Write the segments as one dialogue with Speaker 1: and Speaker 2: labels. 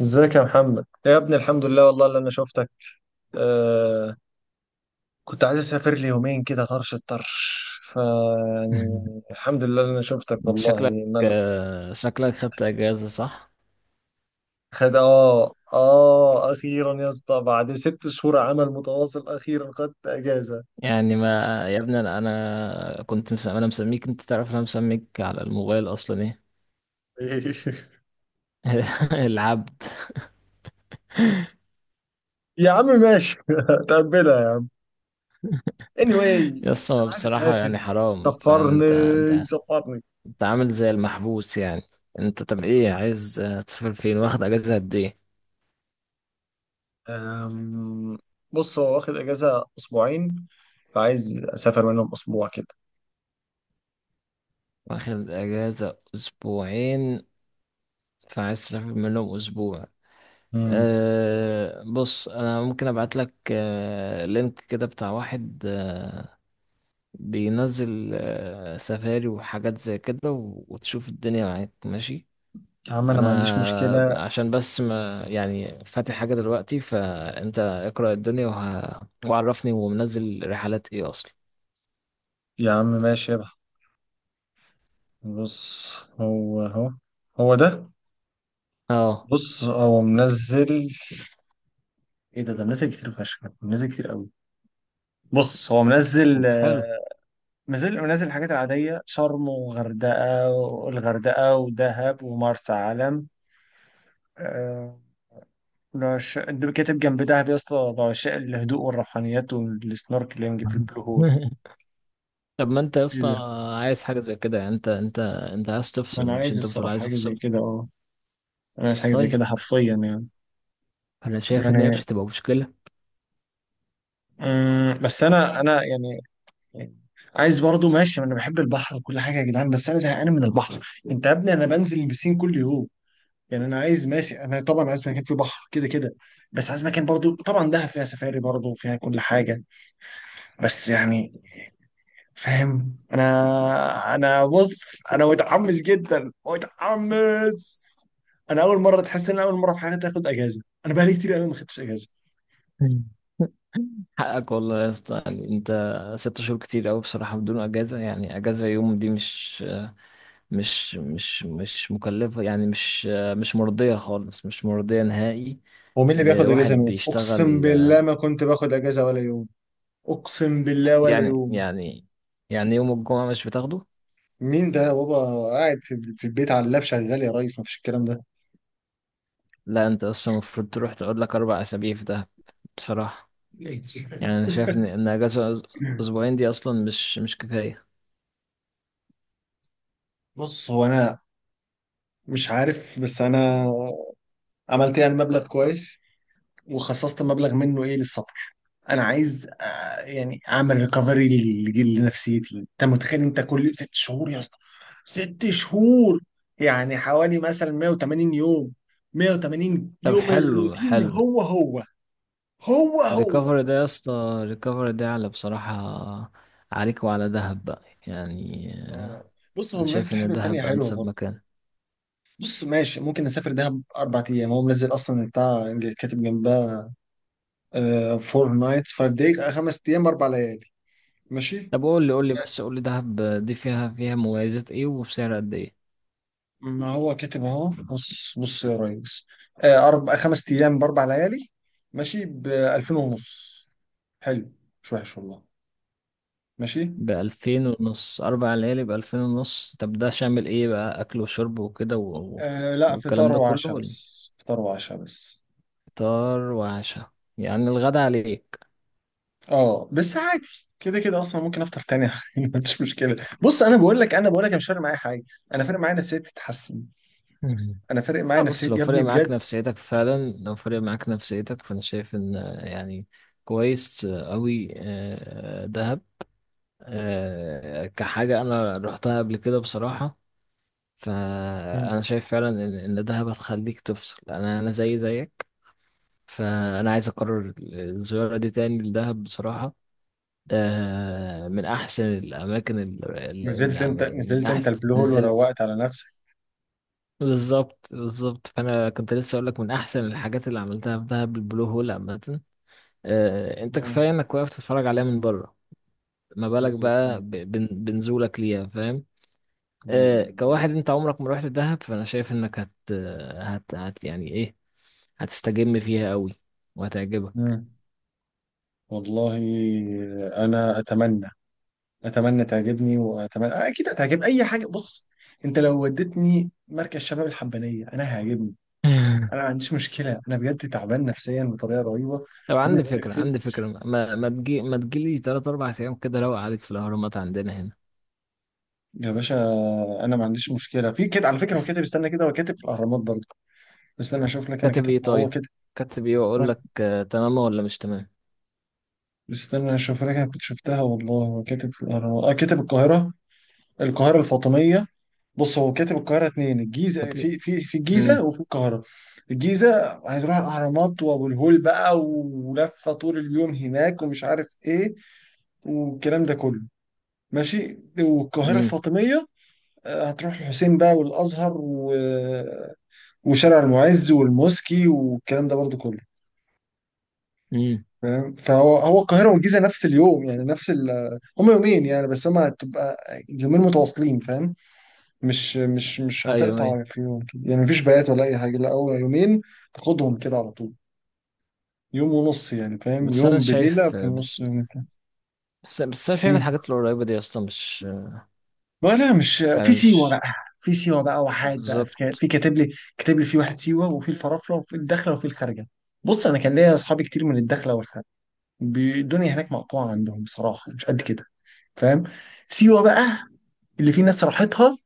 Speaker 1: ازيك يا محمد يا ابني، الحمد لله والله اللي انا شفتك. آه كنت عايز اسافر لي يومين كده. طرش الطرش ف يعني الحمد لله اللي انا شفتك
Speaker 2: انت
Speaker 1: والله
Speaker 2: شكلك
Speaker 1: مل...
Speaker 2: آه، شكلك خدت اجازه، صح؟
Speaker 1: خد اخيرا يا اسطى، بعد 6 شهور عمل متواصل اخيرا خدت اجازه.
Speaker 2: يعني ما يا ابني، انا انا مسميك. انت تعرف انا مسميك على الموبايل اصلا ايه. العبد.
Speaker 1: يا عم ماشي. تقبلها يعني anyway.
Speaker 2: يس، هو
Speaker 1: انا عايز
Speaker 2: بصراحه
Speaker 1: اسافر.
Speaker 2: يعني حرام. فاهم؟
Speaker 1: سفرني،
Speaker 2: انت
Speaker 1: سفرني.
Speaker 2: انت عامل زي المحبوس يعني. انت طب ايه عايز، تسافر فين؟ واخد اجازه قد ايه؟
Speaker 1: أم، بص، هو واخد اجازه اسبوعين، فعايز اسافر منهم اسبوع كده.
Speaker 2: واخد اجازه اسبوعين، فعايز تسافر منهم اسبوع.
Speaker 1: امم
Speaker 2: بص، انا ممكن ابعت لك لينك كده بتاع واحد بينزل سفاري وحاجات زي كده، وتشوف الدنيا معاك. ماشي؟
Speaker 1: يا عم انا ما عنديش
Speaker 2: انا
Speaker 1: مشكلة.
Speaker 2: عشان بس ما يعني فاتح حاجة دلوقتي، فانت اقرأ الدنيا وعرفني ومنزل رحلات ايه اصلا.
Speaker 1: يا عم ماشي يا بح. بص، هو هو هو ده.
Speaker 2: اه
Speaker 1: بص هو منزل. ايه ده منزل كتير فشخ، منزل كتير قوي. بص هو
Speaker 2: طب
Speaker 1: منزل،
Speaker 2: حلو.
Speaker 1: منزل الحاجات العادية: شرم، والغردقة، ودهب، ومرسى علم. آه، ده كاتب جنب دهب يا اسطى: بعشاء الهدوء والروحانيات، والسنوركلينج في البلو هول.
Speaker 2: طب ما انت يا
Speaker 1: ايه
Speaker 2: اسطى
Speaker 1: ده؟
Speaker 2: عايز حاجة زي كده يعني. انت انت عايز
Speaker 1: ما
Speaker 2: تفصل.
Speaker 1: انا
Speaker 2: مش
Speaker 1: عايز
Speaker 2: انت بتقول
Speaker 1: الصراحة
Speaker 2: عايز
Speaker 1: حاجة زي
Speaker 2: افصل؟
Speaker 1: كده، اه. انا عايز حاجة زي
Speaker 2: طيب،
Speaker 1: كده حرفيا يعني.
Speaker 2: انا شايف ان هي مش
Speaker 1: يعني
Speaker 2: هتبقى مشكلة.
Speaker 1: بس انا يعني، يعني عايز برضو، ماشي، انا بحب البحر وكل حاجه يا جدعان، بس انا زهقان من البحر. انت يا ابني انا بنزل البسين كل يوم. يعني انا عايز، ماشي، انا طبعا عايز مكان فيه بحر كده كده. بس عايز مكان برضو، طبعا دهب فيها سفاري برضو وفيها كل حاجه، بس يعني، فاهم؟ انا بص، انا متحمس جدا، متحمس. انا اول مره تحس ان أنا اول مره في حياتي اخد اجازه. انا بقالي كتير قوي ما خدتش اجازه.
Speaker 2: حقك والله يا اسطى، يعني انت ست شهور كتير قوي بصراحة بدون اجازة. يعني اجازة يوم دي مش مش مش مش مكلفة، يعني مش مرضية خالص، مش مرضية نهائي
Speaker 1: ومين اللي بياخد اجازه
Speaker 2: لواحد
Speaker 1: يوم؟ اقسم
Speaker 2: بيشتغل.
Speaker 1: بالله ما كنت باخد اجازه ولا يوم. اقسم بالله ولا
Speaker 2: يعني
Speaker 1: يوم.
Speaker 2: يعني يعني يوم الجمعة مش بتاخده؟
Speaker 1: مين ده يا بابا؟ قاعد في البيت على اللاب شغال يا ريس، مفيش الكلام ده.
Speaker 2: لا، انت اصلا المفروض تروح تقعد لك اربع اسابيع في ده. بصراحة، يعني انا شايف ان اجازة اسبوعين دي اصلا مش كفاية.
Speaker 1: بص هو انا مش عارف، بس انا عملت يعني مبلغ كويس، وخصصت مبلغ منه ايه للسفر. انا عايز، يعني، اعمل ريكفري لنفسيتي. انت متخيل؟ انت كل 6 شهور يا اسطى، 6 شهور، يعني حوالي مثلا 180 يوم. 180
Speaker 2: طب
Speaker 1: يوم
Speaker 2: حلو،
Speaker 1: الروتين
Speaker 2: حلو.
Speaker 1: هو هو، هو هو،
Speaker 2: الريكفري ده يا اسطى، الريكفري ده على بصراحة عليك وعلى دهب بقى يعني.
Speaker 1: اه. بص هو
Speaker 2: أنا شايف
Speaker 1: منزل
Speaker 2: إن
Speaker 1: حتة تانية
Speaker 2: دهب
Speaker 1: حلوة
Speaker 2: أنسب
Speaker 1: برضه.
Speaker 2: مكان.
Speaker 1: بص ماشي، ممكن نسافر دهب 4 أيام. هو منزل أصلا بتاع كاتب جنبها: فور نايتس فايف دايز، 5 أيام 4 ليالي، ماشي.
Speaker 2: طب قول لي، دهب دي فيها مميزات إيه؟ وبسعر قد إيه؟
Speaker 1: ما هو كاتب أهو. بص، بص يا ريس، أربع خمس أيام ب4 ليالي، ماشي، ب 2000 ونص. حلو، مش وحش والله، ماشي.
Speaker 2: بألفين ونص، أربع ليالي بألفين ونص؟ طب ده شامل إيه بقى، أكل وشرب وكده
Speaker 1: آه لا،
Speaker 2: والكلام
Speaker 1: فطار
Speaker 2: ده كله،
Speaker 1: وعشاء
Speaker 2: ولا
Speaker 1: بس، فطار وعشاء بس.
Speaker 2: فطار وعشاء؟ يعني الغدا عليك.
Speaker 1: اه بس عادي، كده كده اصلا ممكن افطر تاني. ما عنديش مشكله. بص انا بقول لك، انا بقول لك، أنا مش فارق معايا حاجه. انا فارق معايا نفسيتي تتحسن. انا فارق معايا
Speaker 2: لا بص، لو
Speaker 1: نفسيتي يا ابني
Speaker 2: فرق معاك
Speaker 1: بجد.
Speaker 2: نفسيتك فعلا، لو فرق معاك نفسيتك، فانا شايف ان يعني كويس قوي دهب. كحاجة انا رحتها قبل كده بصراحة،
Speaker 1: مم.
Speaker 2: فانا شايف فعلا إن دهب هتخليك تفصل. انا زي زيك. فانا عايز اكرر الزيارة دي تاني لدهب بصراحة. من احسن الاماكن اللي
Speaker 1: نزلت انت،
Speaker 2: عمل من
Speaker 1: نزلت انت
Speaker 2: احسن
Speaker 1: البلو هول
Speaker 2: نزلت.
Speaker 1: وروقت على نفسك.
Speaker 2: بالظبط، بالظبط. فانا كنت لسه اقول لك، من احسن الحاجات اللي عملتها في دهب البلو هول عامه. انت
Speaker 1: مم.
Speaker 2: كفايه انك واقف تتفرج عليها من بره. ما بالك
Speaker 1: بالظبط.
Speaker 2: بقى
Speaker 1: مم.
Speaker 2: بنزولك ليها، فاهم؟
Speaker 1: ايوه.
Speaker 2: كواحد انت عمرك ما رحت دهب، فانا شايف انك هت هت, هت يعني ايه، هتستجم فيها قوي وهتعجبك.
Speaker 1: مم. والله انا اتمنى، اتمنى تعجبني، واتمنى اكيد هتعجب اي حاجه. بص، انت لو وديتني مركز شباب الحبانيه انا هيعجبني. انا ما عنديش مشكله، انا بجد تعبان نفسيا بطريقه رهيبه.
Speaker 2: طب
Speaker 1: يا ابني
Speaker 2: عندي
Speaker 1: بقول لك
Speaker 2: فكره،
Speaker 1: ست
Speaker 2: عندي
Speaker 1: شهور.
Speaker 2: فكره، ما ما تجي ما تجيلي 3 4 ايام كده، روق عليك في الاهرامات عندنا هنا.
Speaker 1: يا باشا، انا ما عنديش مشكله في كده. على فكره هو كاتب، استنى كده، هو كاتب في الاهرامات برضه. استنى اشوف لك. انا
Speaker 2: كاتب
Speaker 1: كاتب،
Speaker 2: ايه؟
Speaker 1: ما هو
Speaker 2: طيب،
Speaker 1: كاتب.
Speaker 2: كاتب ايه واقول
Speaker 1: هو-
Speaker 2: لك تمام ولا مش تمام.
Speaker 1: استنى اشوف لك. انا كنت شفتها والله، هو كاتب في الاهرامات، اه، كاتب القاهره، القاهره الفاطميه. بص هو كاتب القاهره 2: الجيزه،
Speaker 2: كاتب
Speaker 1: في الجيزه وفي القاهره. الجيزه هتروح الاهرامات وابو الهول بقى، ولفه طول اليوم هناك، ومش عارف ايه والكلام ده كله، ماشي. والقاهره
Speaker 2: امم
Speaker 1: الفاطميه، هتروح الحسين بقى والازهر، وشارع المعز والموسكي والكلام ده برضو كله،
Speaker 2: امم
Speaker 1: فاهم؟ فهو هو القاهره والجيزه نفس اليوم، يعني نفس. هم يومين يعني، بس هم هتبقى يومين متواصلين، فاهم؟ مش
Speaker 2: ايوه، ايوه،
Speaker 1: هتقطع في يوم كده، يعني مفيش بيات ولا اي حاجه، لا هو يومين تاخدهم كده على طول. يوم ونص يعني، فاهم؟
Speaker 2: بس انا
Speaker 1: يوم بليله
Speaker 2: شايف.
Speaker 1: في النص يوم
Speaker 2: بس انا شايف
Speaker 1: كده.
Speaker 2: الحاجات القريبه دي يا اسطى مش،
Speaker 1: ولا مش
Speaker 2: يعني
Speaker 1: في سيوه
Speaker 2: مش
Speaker 1: بقى؟ في سيوه بقى، وحاد بقى، في
Speaker 2: بالظبط.
Speaker 1: في كاتب لي، في واحد: سيوه، وفي الفرافره، وفي الدخله، وفي الخارجه. بص انا كان ليا اصحابي كتير من الدخله والخارجه. الدنيا هناك مقطوعه عندهم بصراحه، مش قد كده، فاهم؟ سيوه بقى، اللي في ناس راحتها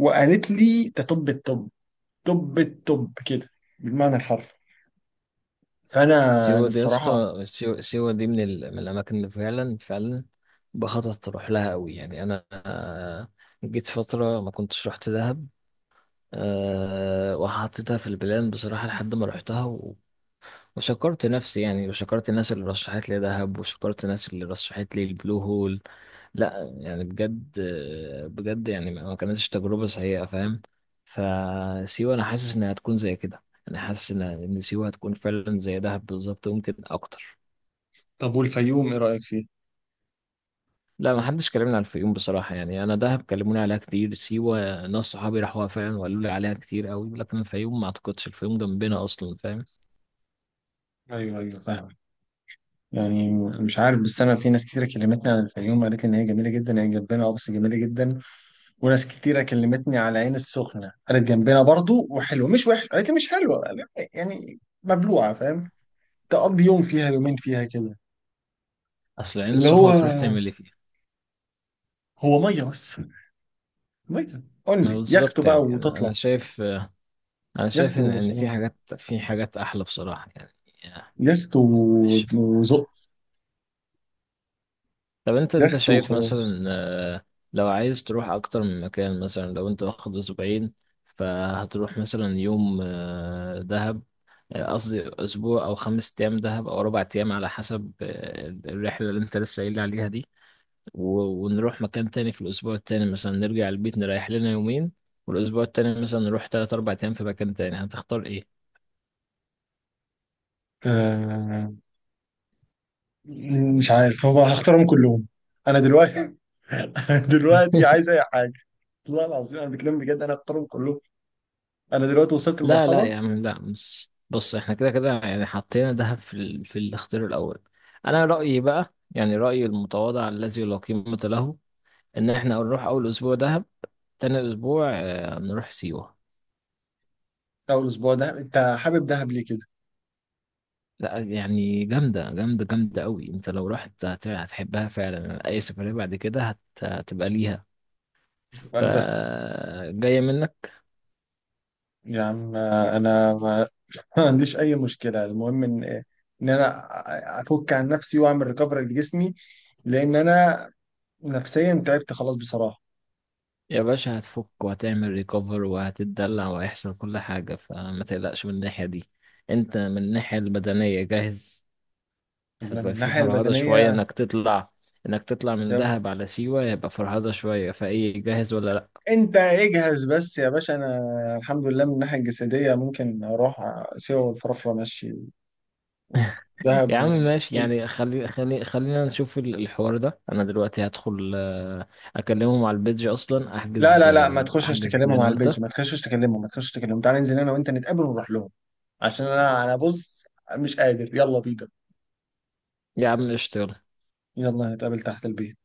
Speaker 1: وقالت لي ده طب الطب. كده بالمعنى الحرفي. فانا انا
Speaker 2: سيوه دي يا
Speaker 1: الصراحه.
Speaker 2: اسطى، سيوه دي من الاماكن اللي فعلا، فعلا بخطط اروح لها قوي، يعني انا. جيت فتره ما كنتش رحت دهب، وحطيتها في البلان بصراحه لحد ما رحتها، وشكرت نفسي، يعني وشكرت الناس اللي رشحت لي دهب، وشكرت الناس اللي رشحت لي البلو هول. لا يعني بجد، بجد يعني ما كانتش تجربة سيئة، فاهم؟ فسيوة أنا حاسس إنها هتكون زي كده. أنا حاسس إن سيوة هتكون فعلا زي دهب بالظبط، ممكن أكتر.
Speaker 1: طب والفيوم ايه رايك فيه؟
Speaker 2: لا، ما حدش كلمني عن الفيوم بصراحة، يعني أنا دهب كلموني عليها كتير. سيوة ناس صحابي راحوها فعلا وقالوا لي عليها كتير قوي، لكن الفيوم ما أعتقدش. الفيوم جنبنا أصلا، فاهم؟
Speaker 1: ايوه، ايوه، فاهم. يعني مش عارف، بس انا في ناس كتيره كلمتني عن الفيوم قالت لي ان هي جميله جدا، هي جنبنا اه، بس جميله جدا. وناس كتيره كلمتني على عين السخنه قالت جنبنا برضو وحلوه مش وحش، قالت لي مش حلوه، قالت لي يعني مبلوعه، فاهم؟ تقضي يوم فيها، يومين فيها كده.
Speaker 2: أصل العين
Speaker 1: اللي هو
Speaker 2: السخنة تروح تعمل إيه فيها؟
Speaker 1: هو ميه بس، ميه
Speaker 2: ما
Speaker 1: اونلي، يخت
Speaker 2: بالظبط،
Speaker 1: بقى
Speaker 2: يعني أنا
Speaker 1: وتطلع.
Speaker 2: شايف، أنا
Speaker 1: يخت
Speaker 2: شايف إن
Speaker 1: وخلاص.
Speaker 2: في حاجات أحلى بصراحة يعني.
Speaker 1: يخت
Speaker 2: مش
Speaker 1: وزق.
Speaker 2: طب، انت
Speaker 1: يخت
Speaker 2: شايف
Speaker 1: وخلاص.
Speaker 2: مثلا، لو عايز تروح اكتر من مكان، مثلا لو انت واخد اسبوعين، فهتروح مثلا يوم دهب، قصدي اسبوع او خمس ايام دهب او اربع ايام على حسب الرحله اللي انت لسه قايل لي عليها دي، ونروح مكان تاني في الاسبوع التاني. مثلا نرجع البيت، نريح لنا يومين، والاسبوع التاني مثلا نروح تلات اربع ايام في مكان تاني. هتختار ايه؟
Speaker 1: آه مش عارف، هو هختارهم كلهم. انا دلوقتي، دلوقتي عايز اي حاجه. والله العظيم انا بتكلم بجد، انا اختارهم كلهم. انا دلوقتي وصلت
Speaker 2: لا لا
Speaker 1: لمرحله.
Speaker 2: يا عم، لا. بص، بص، احنا كده كده يعني حطينا دهب في في الاختيار الاول. انا رايي بقى، يعني رايي المتواضع الذي لا قيمه له، ان احنا نروح اول اسبوع دهب، تاني اسبوع نروح سيوه.
Speaker 1: او الاسبوع ده، انت حابب دهب ليه كده؟
Speaker 2: لا يعني جامده، جامده، جامده قوي. انت لو رحت هتحبها فعلا. اي سفريه بعد كده هتبقى ليها. ف
Speaker 1: قال ده.
Speaker 2: جايه منك.
Speaker 1: يا عم انا ما ما عنديش اي مشكله، المهم ان انا افك عن نفسي واعمل ريكفري لجسمي، لان انا نفسيا تعبت خلاص بصراحه.
Speaker 2: يا باشا، هتفك وهتعمل ريكفر وهتتدلع وهيحصل كل حاجة، فما تقلقش من الناحية دي. انت من الناحية البدنية جاهز. بس
Speaker 1: من
Speaker 2: هتبقى في
Speaker 1: الناحيه
Speaker 2: فرهدة شوية
Speaker 1: البدنيه
Speaker 2: انك تطلع، انك تطلع من
Speaker 1: تمام.
Speaker 2: دهب على سيوة يبقى فرهدة شوية. فايه، جاهز ولا لا؟
Speaker 1: انت اجهز بس يا باشا، انا الحمد لله من الناحيه الجسديه ممكن اروح سيوه والفرافره، ماشي،
Speaker 2: يا عم
Speaker 1: ودهب.
Speaker 2: ماشي، يعني خلينا نشوف الحوار ده. انا دلوقتي هدخل اكلمهم على البيدج اصلا.
Speaker 1: لا،
Speaker 2: احجز
Speaker 1: لا، لا، ما
Speaker 2: آه،
Speaker 1: تخشش
Speaker 2: احجز
Speaker 1: تكلمهم
Speaker 2: انا
Speaker 1: على البيج،
Speaker 2: وانت.
Speaker 1: ما تخشش تكلمهم، ما تخشش تكلمهم. تعالى ننزل انا وانت، نتقابل ونروح لهم، عشان انا بص مش قادر، يلا بينا.
Speaker 2: يا عم قشطة، يلا.
Speaker 1: يلا نتقابل تحت البيت.